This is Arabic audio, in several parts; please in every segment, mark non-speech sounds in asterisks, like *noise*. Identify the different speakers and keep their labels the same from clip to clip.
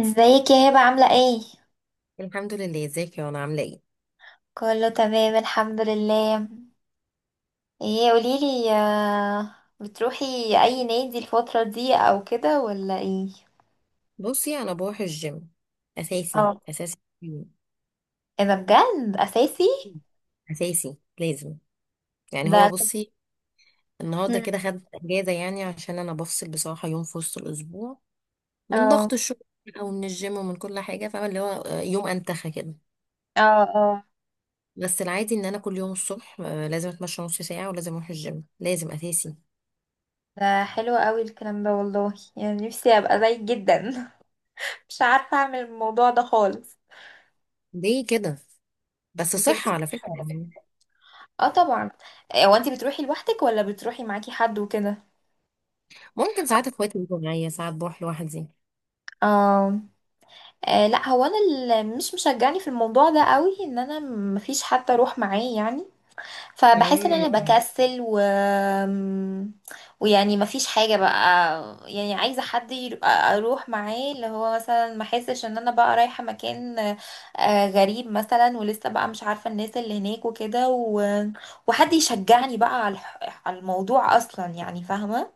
Speaker 1: ازيك يا هبة عاملة ايه؟
Speaker 2: الحمد لله، ازيك يا انا عامله ايه؟
Speaker 1: كله تمام الحمد لله. ايه قوليلي، بتروحي اي نادي الفترة دي او كده ولا ايه؟
Speaker 2: بصي، انا بروح الجيم اساسي
Speaker 1: اه.
Speaker 2: اساسي.
Speaker 1: ايه ده بجد اساسي؟
Speaker 2: اساسي لازم. يعني
Speaker 1: ده.
Speaker 2: هو بصي، النهارده
Speaker 1: مم.
Speaker 2: كده خدت اجازه يعني عشان انا بفصل بصراحه يوم في وسط الاسبوع من
Speaker 1: اه،
Speaker 2: ضغط الشغل او من الجيم ومن كل حاجه، فاهمه؟ اللي هو يوم انتخى كده.
Speaker 1: اه، اه.
Speaker 2: بس العادي ان انا كل يوم الصبح لازم اتمشى نص ساعه ولازم اروح الجيم، لازم اساسي.
Speaker 1: ده حلو قوي الكلام ده والله، يعني نفسي ابقى زيك جدا. *laughs* مش عارفة اعمل الموضوع ده خالص.
Speaker 2: ليه كده؟ بس
Speaker 1: انتي
Speaker 2: صحه على
Speaker 1: بتروحي
Speaker 2: فكره
Speaker 1: على فكرة.
Speaker 2: يعني.
Speaker 1: اه طبعا. إيه، هو انتي بتروحي لوحدك ولا بتروحي معاكي حد وكده؟
Speaker 2: ممكن ساعات اخواتي يجوا معايا، ساعات بروح لوحدي.
Speaker 1: اه. آه، لا هو انا اللي مش مشجعني في الموضوع ده قوي، ان انا مفيش حد اروح معاه يعني. فبحس ان
Speaker 2: مم.
Speaker 1: انا بكسل ويعني مفيش حاجه بقى. يعني عايزه حد اروح معاه، اللي هو مثلا ما احسش ان انا بقى رايحه مكان غريب مثلا، ولسه بقى مش عارفه الناس اللي هناك وكده. وحد يشجعني بقى على على الموضوع اصلا، يعني فاهمه.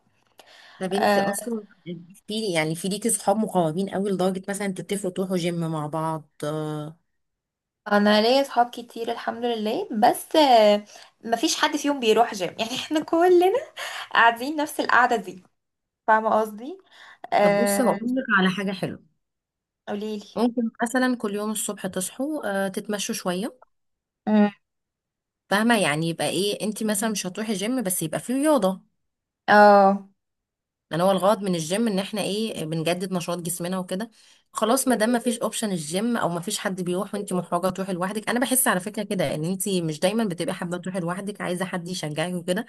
Speaker 2: طب انت
Speaker 1: آه،
Speaker 2: اصلا، في ليكي صحاب مقربين قوي لدرجه مثلا تتفقوا تروحوا جيم مع بعض؟
Speaker 1: انا ليا صحاب كتير الحمد لله بس، مفيش حد فيهم بيروح جيم. *laughs* يعني احنا كلنا قاعدين نفس القعده دي، فاهمه قصدي.
Speaker 2: طب بصي،
Speaker 1: آه.
Speaker 2: هقول لك على حاجه حلوه.
Speaker 1: *laughs* قوليلي.
Speaker 2: ممكن مثلا كل يوم الصبح تصحوا تتمشوا شويه.
Speaker 1: مم.
Speaker 2: فاهمه؟ يعني يبقى ايه، انت مثلا مش هتروحي جيم بس يبقى في رياضه.
Speaker 1: اه،
Speaker 2: لان هو الغرض من الجيم ان احنا ايه، بنجدد نشاط جسمنا وكده. خلاص، ما دام ما فيش اوبشن الجيم او ما فيش حد بيروح وانت محرجه تروحي لوحدك، انا بحس على فكره كده ان انت مش دايما بتبقي حابه تروحي لوحدك، عايزه حد يشجعك وكده.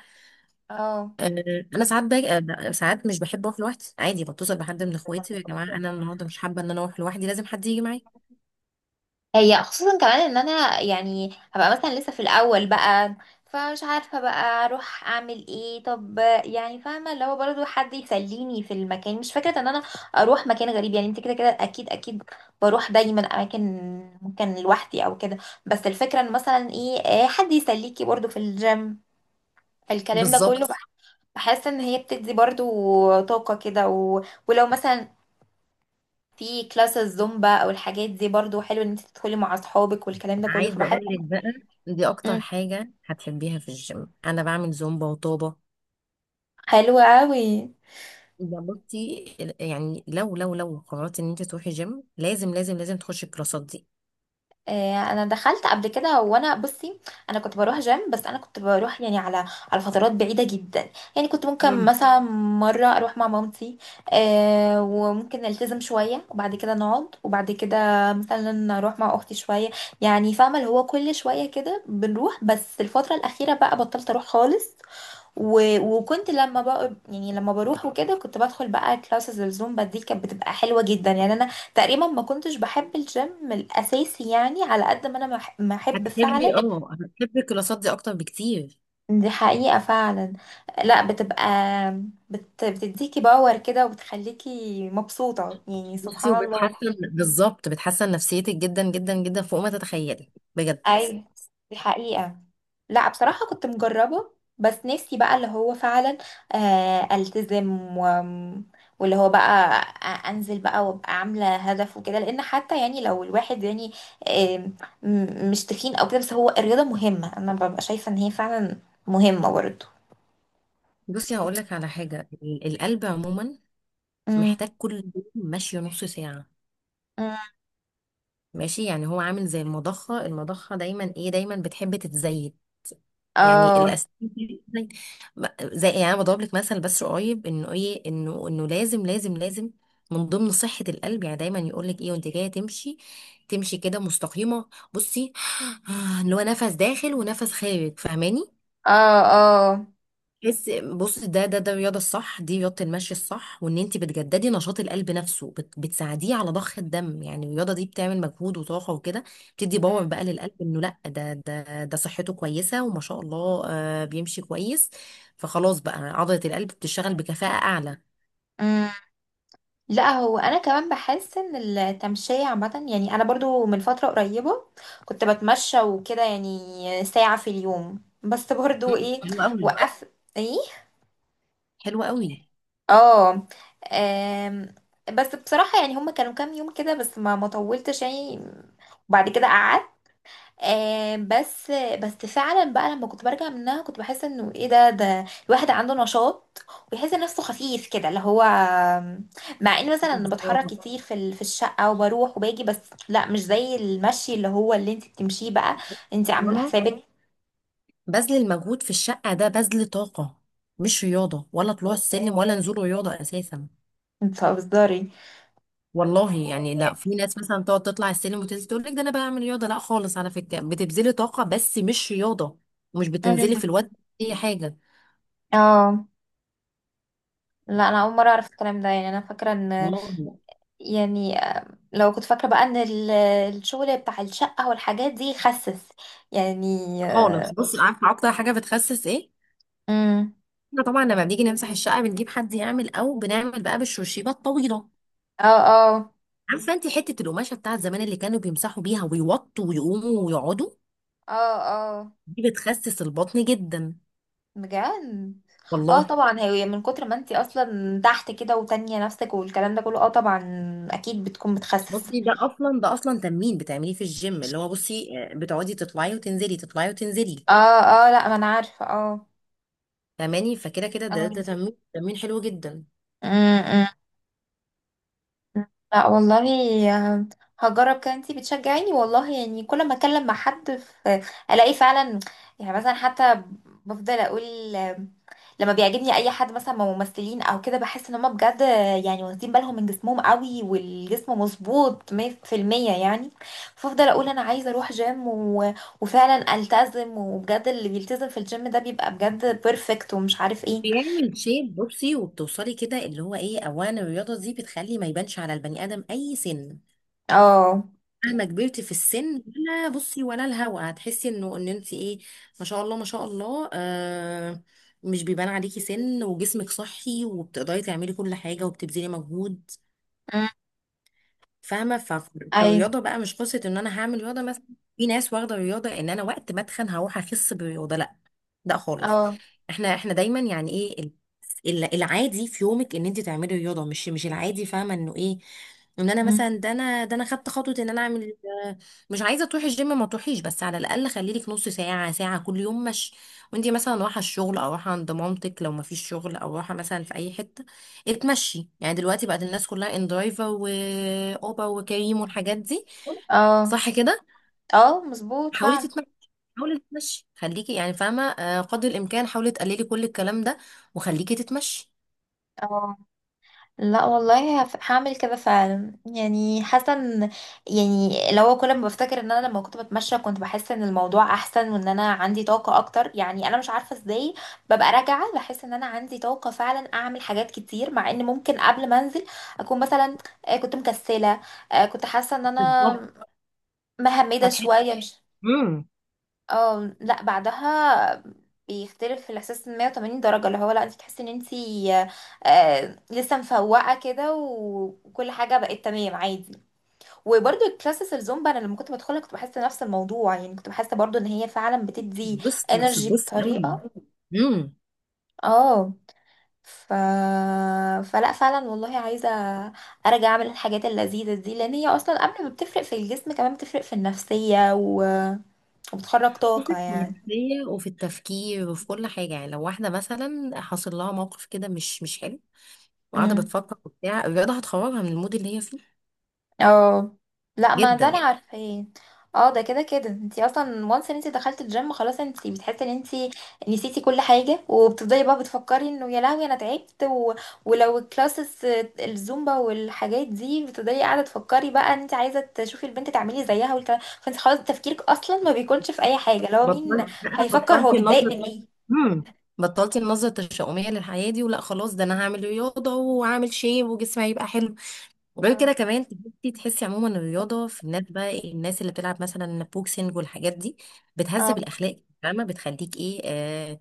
Speaker 1: اه.
Speaker 2: آه، انا ساعات باجي ساعات مش بحب اروح لوحدي، عادي بتصل بحد من اخواتي: يا جماعه انا النهارده مش حابه ان انا اروح لوحدي، لازم حد يجي معايا.
Speaker 1: هي خصوصا كمان ان انا يعني هبقى مثلا لسه في الاول بقى، فمش عارفه بقى اروح اعمل ايه، طب يعني فاهمه اللي هو برضه حد يسليني في المكان، مش فكره ان انا اروح مكان غريب، يعني انت كده كده اكيد اكيد بروح دايما اماكن ممكن لوحدي او كده. بس الفكره ان مثلا ايه، حد يسليكي برضه في الجيم، الكلام ده
Speaker 2: بالظبط.
Speaker 1: كله بحس ان هي بتدي برضه طاقه كده. ولو مثلا في كلاس الزومبا او الحاجات دي برضو حلو ان انت تدخلي مع اصحابك والكلام ده كله،
Speaker 2: عايزه
Speaker 1: فبحس.
Speaker 2: اقول لك بقى، دي اكتر
Speaker 1: مم.
Speaker 2: حاجه هتحبيها في الجيم. انا بعمل زومبا وطابه.
Speaker 1: حلو قوي.
Speaker 2: يا بصي، يعني لو قررت ان انت تروحي جيم، لازم لازم لازم تخشي الكلاسات دي.
Speaker 1: انا دخلت قبل كده، وانا بصي انا كنت بروح جيم، بس انا كنت بروح يعني على فترات بعيده جدا، يعني كنت ممكن
Speaker 2: مم.
Speaker 1: مثلا مره اروح مع مامتي، وممكن نلتزم شويه وبعد كده نقعد وبعد كده مثلا اروح مع اختي شويه، يعني فاهمه اللي هو كل شويه كده بنروح، بس الفتره الاخيره بقى بطلت اروح خالص. وكنت لما بقى يعني لما بروح وكده كنت بدخل بقى كلاسز الزومبا، دي كانت بتبقى حلوة جدا، يعني انا تقريبا ما كنتش بحب الجيم الاساسي، يعني على قد ما انا ما احب فعلا.
Speaker 2: هتحبي الكلاسات دي اكتر بكتير.
Speaker 1: دي حقيقة فعلا. لا بتبقى، بتديكي باور كده وبتخليكي مبسوطة يعني
Speaker 2: بصي،
Speaker 1: سبحان الله.
Speaker 2: وبتحسن بالظبط، بتحسن نفسيتك جدا جدا جدا فوق ما تتخيلي بجد.
Speaker 1: ايوه. دي حقيقة. لا بصراحة كنت مجربة. بس نفسي بقى اللي هو فعلا، التزم. واللي هو بقى انزل بقى وابقى عاملة هدف وكده، لان حتى يعني لو الواحد يعني، آم، مش تخين او كده، بس هو الرياضة مهمة، انا ببقى شايفة ان هي فعلا مهمة برضه.
Speaker 2: بصي، هقول لك على حاجة. القلب عموما
Speaker 1: امم.
Speaker 2: محتاج كل يوم مشي نص ساعة.
Speaker 1: امم.
Speaker 2: ماشي؟ يعني هو عامل زي المضخة، المضخة دايما ايه، دايما بتحب تتزايد. يعني
Speaker 1: اه.
Speaker 2: الاسنان دي بتتزايد. زي يعني انا بضرب لك مثل بس قريب، انه ايه، انه لازم لازم لازم من ضمن صحة القلب. يعني دايما يقول لك ايه، وانت جاية تمشي، تمشي كده مستقيمة بصي. *sighs* اللي هو نفس داخل ونفس خارج، فاهماني؟
Speaker 1: اه.
Speaker 2: تحس بص، ده الرياضه الصح، دي رياضه المشي الصح، وان انت بتجددي نشاط القلب نفسه، بتساعديه على ضخ الدم، يعني الرياضه دي بتعمل مجهود وطاقه وكده. بتدي باور بقى للقلب، انه لا ده صحته كويسه، وما شاء الله بيمشي كويس. فخلاص بقى عضله القلب بتشتغل بكفاءه اعلى.
Speaker 1: اه. لا هو انا كمان بحس ان التمشية عامة، يعني انا برضو من فترة قريبة كنت بتمشى وكده، يعني ساعة في اليوم، بس برضو
Speaker 2: مم.
Speaker 1: ايه.
Speaker 2: حلو قوي.
Speaker 1: وقف. ايه.
Speaker 2: حلو قوي.
Speaker 1: اه. آم، بس بصراحة يعني هما كانوا كام يوم كده، بس ما طولتش يعني وبعد كده قعدت. بس بس فعلا بقى لما كنت برجع منها كنت بحس انه ايه، ده الواحد عنده نشاط، ويحس نفسه خفيف كده، اللي هو مع ان مثلا انا بتحرك
Speaker 2: بالظبط.
Speaker 1: كتير في في الشقه، وبروح وباجي بس. لا مش زي المشي اللي هو اللي انت بتمشيه بقى. انت عامله
Speaker 2: أنا،
Speaker 1: حسابك.
Speaker 2: بذل المجهود في الشقه ده بذل طاقه، مش رياضه، ولا طلوع السلم ولا نزول رياضه اساسا.
Speaker 1: انت بتهزري.
Speaker 2: والله يعني لا، في ناس مثلا تقعد تطلع السلم وتنزل تقول لك: ده انا بعمل رياضه. لا خالص، على فكره بتبذلي طاقه بس مش رياضه، ومش بتنزلي
Speaker 1: أمم.
Speaker 2: في الوقت اي حاجه.
Speaker 1: اه. لا انا اول مره اعرف الكلام ده، يعني انا فاكره ان،
Speaker 2: والله.
Speaker 1: يعني لو كنت فاكره بقى ان الشغل بتاع الشقه والحاجات دي يخسس يعني.
Speaker 2: خالص بصي، عارفه اكتر حاجه بتخسس ايه؟
Speaker 1: امم.
Speaker 2: احنا طبعا لما بنيجي نمسح الشقه بنجيب حد يعمل، او بنعمل بقى بالشرشيبه الطويله.
Speaker 1: اه. اه.
Speaker 2: عارفه انت حته القماشه بتاعت زمان اللي كانوا بيمسحوا بيها ويوطوا ويقوموا ويقعدوا،
Speaker 1: اه. اه
Speaker 2: دي بتخسس البطن جدا.
Speaker 1: بجد. اه
Speaker 2: والله.
Speaker 1: طبعا، هي من كتر ما انتي اصلا تحت كده وتانية نفسك والكلام ده كله. اه طبعا اكيد بتكون بتخسس.
Speaker 2: بصي، ده اصلا تمرين بتعمليه في الجيم، اللي هو بصي، بتقعدي تطلعي وتنزلي تطلعي وتنزلي.
Speaker 1: اه. اه لا ما انا عارفه. اه.
Speaker 2: فاهماني؟ فكده كده ده
Speaker 1: اه.
Speaker 2: ده تمرين حلو جدا.
Speaker 1: أمم، أمم. لا والله هجرب كده، انتي بتشجعيني والله، يعني كل ما اتكلم مع حد في الاقي فعلا، يعني مثلا حتى بفضل اقول لما بيعجبني اي حد مثلا من ممثلين او كده بحس ان هم بجد، يعني واخدين بالهم من جسمهم قوي، والجسم مظبوط 100%، يعني فافضل اقول انا عايزه اروح جيم. وفعلا التزم وبجد، اللي بيلتزم في الجيم ده بيبقى بجد بيرفكت ومش عارف ايه.
Speaker 2: بيعمل شيب بصي، وبتوصلي كده اللي هو ايه، اولا الرياضه دي بتخلي ما يبانش على البني ادم اي سن،
Speaker 1: اه.
Speaker 2: مهما كبرت في السن، ولا بصي ولا الهوا، هتحسي انه ان انت ايه، ما شاء الله، ما شاء الله. مش بيبان عليكي سن، وجسمك صحي وبتقدري تعملي كل حاجه وبتبذلي مجهود.
Speaker 1: أمم.
Speaker 2: فاهمه؟ فالرياضه
Speaker 1: ايوه.
Speaker 2: بقى مش قصه ان انا هعمل رياضه مثلا. في ناس واخده الرياضه، ان انا وقت ما اتخن هروح اخس بالرياضه. لا. لا خالص.
Speaker 1: اه.
Speaker 2: احنا دايما يعني ايه، العادي في يومك ان انت تعملي رياضه، مش العادي، فاهمه انه ايه، ان انا
Speaker 1: أمم.
Speaker 2: مثلا، ده انا خدت خطوه ان انا اعمل. آه، مش عايزه تروحي الجيم ما تروحيش، بس على الاقل خلي لك نص ساعه ساعه كل يوم، مش وانت مثلا رايحه الشغل او رايحه عند مامتك لو ما فيش شغل، او رايحه مثلا في اي حته، اتمشي. يعني دلوقتي بقت الناس كلها اندرايفر واوبا وكريم والحاجات دي،
Speaker 1: اه.
Speaker 2: صح كده؟
Speaker 1: اه مظبوط
Speaker 2: حاولي
Speaker 1: فعلا.
Speaker 2: تتمشي، حاولي تتمشي، خليكي يعني فاهمه، قدر الامكان حاولي تقللي كل الكلام ده وخليكي تتمشي.
Speaker 1: اه لا والله هعمل كده فعلا، يعني حاسه ان، يعني لو كل ما بفتكر ان انا لما كنت بتمشى كنت بحس ان الموضوع احسن وان انا عندي طاقه اكتر، يعني انا مش عارفه ازاي ببقى راجعه بحس ان انا عندي طاقه فعلا اعمل حاجات كتير، مع ان ممكن قبل ما انزل اكون مثلا كنت مكسله، كنت حاسه ان
Speaker 2: بالظبط،
Speaker 1: انا مهمده
Speaker 2: هتحسي.
Speaker 1: شويه مش.
Speaker 2: امم
Speaker 1: اه لا بعدها بيختلف الاحساس 180 درجه، اللي هو لا انت تحسي ان انت لسه مفوقه كده وكل حاجه بقت تمام عادي. وبرده الكلاسس الزومبا انا لما كنت بدخلها كنت بحس نفس الموضوع، يعني كنت بحس برضو ان هي فعلا بتدي
Speaker 2: بصي
Speaker 1: انرجي بس
Speaker 2: بصي قوي.
Speaker 1: بطريقه.
Speaker 2: امم
Speaker 1: اه. ف... فلا فعلا والله عايزه ارجع اعمل الحاجات اللذيذه دي، لان هي اصلا قبل ما بتفرق في الجسم كمان بتفرق في النفسيه، وبتخرج
Speaker 2: بصي،
Speaker 1: طاقه
Speaker 2: في
Speaker 1: يعني.
Speaker 2: النفسيه وفي التفكير وفي كل حاجه. يعني لو واحده مثلا حصل لها موقف كده مش حلو، وقاعده بتفكر وبتاع، الرياضه هتخرجها من المود اللي هي فيه،
Speaker 1: اه لا ما ده انا
Speaker 2: جدا.
Speaker 1: عارفاه. اه ده كده كده، انتي اصلا وانس ان انتي دخلتي الجيم، خلاص انتي بتحسي ان انتي نسيتي كل حاجه وبتفضلي بقى بتفكري انه يا لهوي انا تعبت. ولو الكلاسز الزومبا والحاجات دي بتفضلي قاعده تفكري بقى ان انتي عايزه تشوفي البنت تعملي زيها والكلام، فانتي خلاص تفكيرك اصلا ما بيكونش في اي حاجه، لو مين هيفكر هو
Speaker 2: بطلتي
Speaker 1: متضايق
Speaker 2: النظر.
Speaker 1: من ايه.
Speaker 2: امم بطلتي النظرة التشاؤمية للحياة دي، ولا خلاص، ده انا هعمل رياضة وهعمل شيب وجسمي هيبقى حلو. وغير كده
Speaker 1: اه.
Speaker 2: كمان تحسي عموما الرياضة في الناس بقى إيه، الناس اللي بتلعب مثلا بوكسنج والحاجات دي،
Speaker 1: اه.
Speaker 2: بتهذب الأخلاق، فاهمة، بتخليك ايه.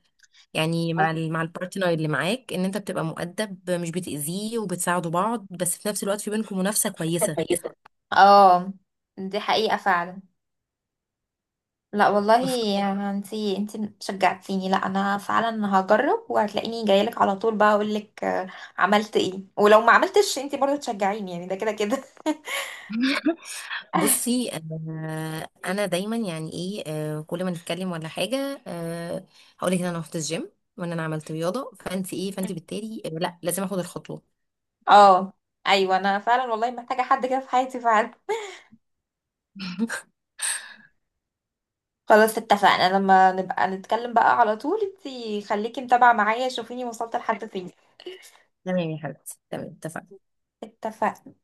Speaker 2: يعني مع مع البارتنر اللي معاك، ان انت بتبقى مؤدب، مش بتأذيه، وبتساعدوا بعض، بس في نفس الوقت في بينكم منافسة كويسة.
Speaker 1: اه دي حقيقه فعلا. لا والله
Speaker 2: *laughs*
Speaker 1: يا انتي شجعتيني. لا انا فعلا هجرب، وهتلاقيني جايلك على طول بقى اقولك، عملت ايه، ولو ما عملتش انتي برضه تشجعيني يعني ده كده كده.
Speaker 2: بصي، انا دايما يعني ايه، كل ما نتكلم ولا حاجه، هقولك ان انا رحت الجيم وان انا عملت رياضه، فانت ايه، فانت بالتالي، لا لازم اخد الخطوه.
Speaker 1: *laughs* اه. ايوه انا فعلا والله محتاجه حد كده في حياتي فعلا.
Speaker 2: *laughs*
Speaker 1: خلاص اتفقنا، لما نبقى نتكلم بقى على طول انتي خليكي متابعه معايا، شوفيني وصلت لحد فين.
Speaker 2: تمام يا حبيبتي، تمام، اتفقنا.
Speaker 1: اتفقنا.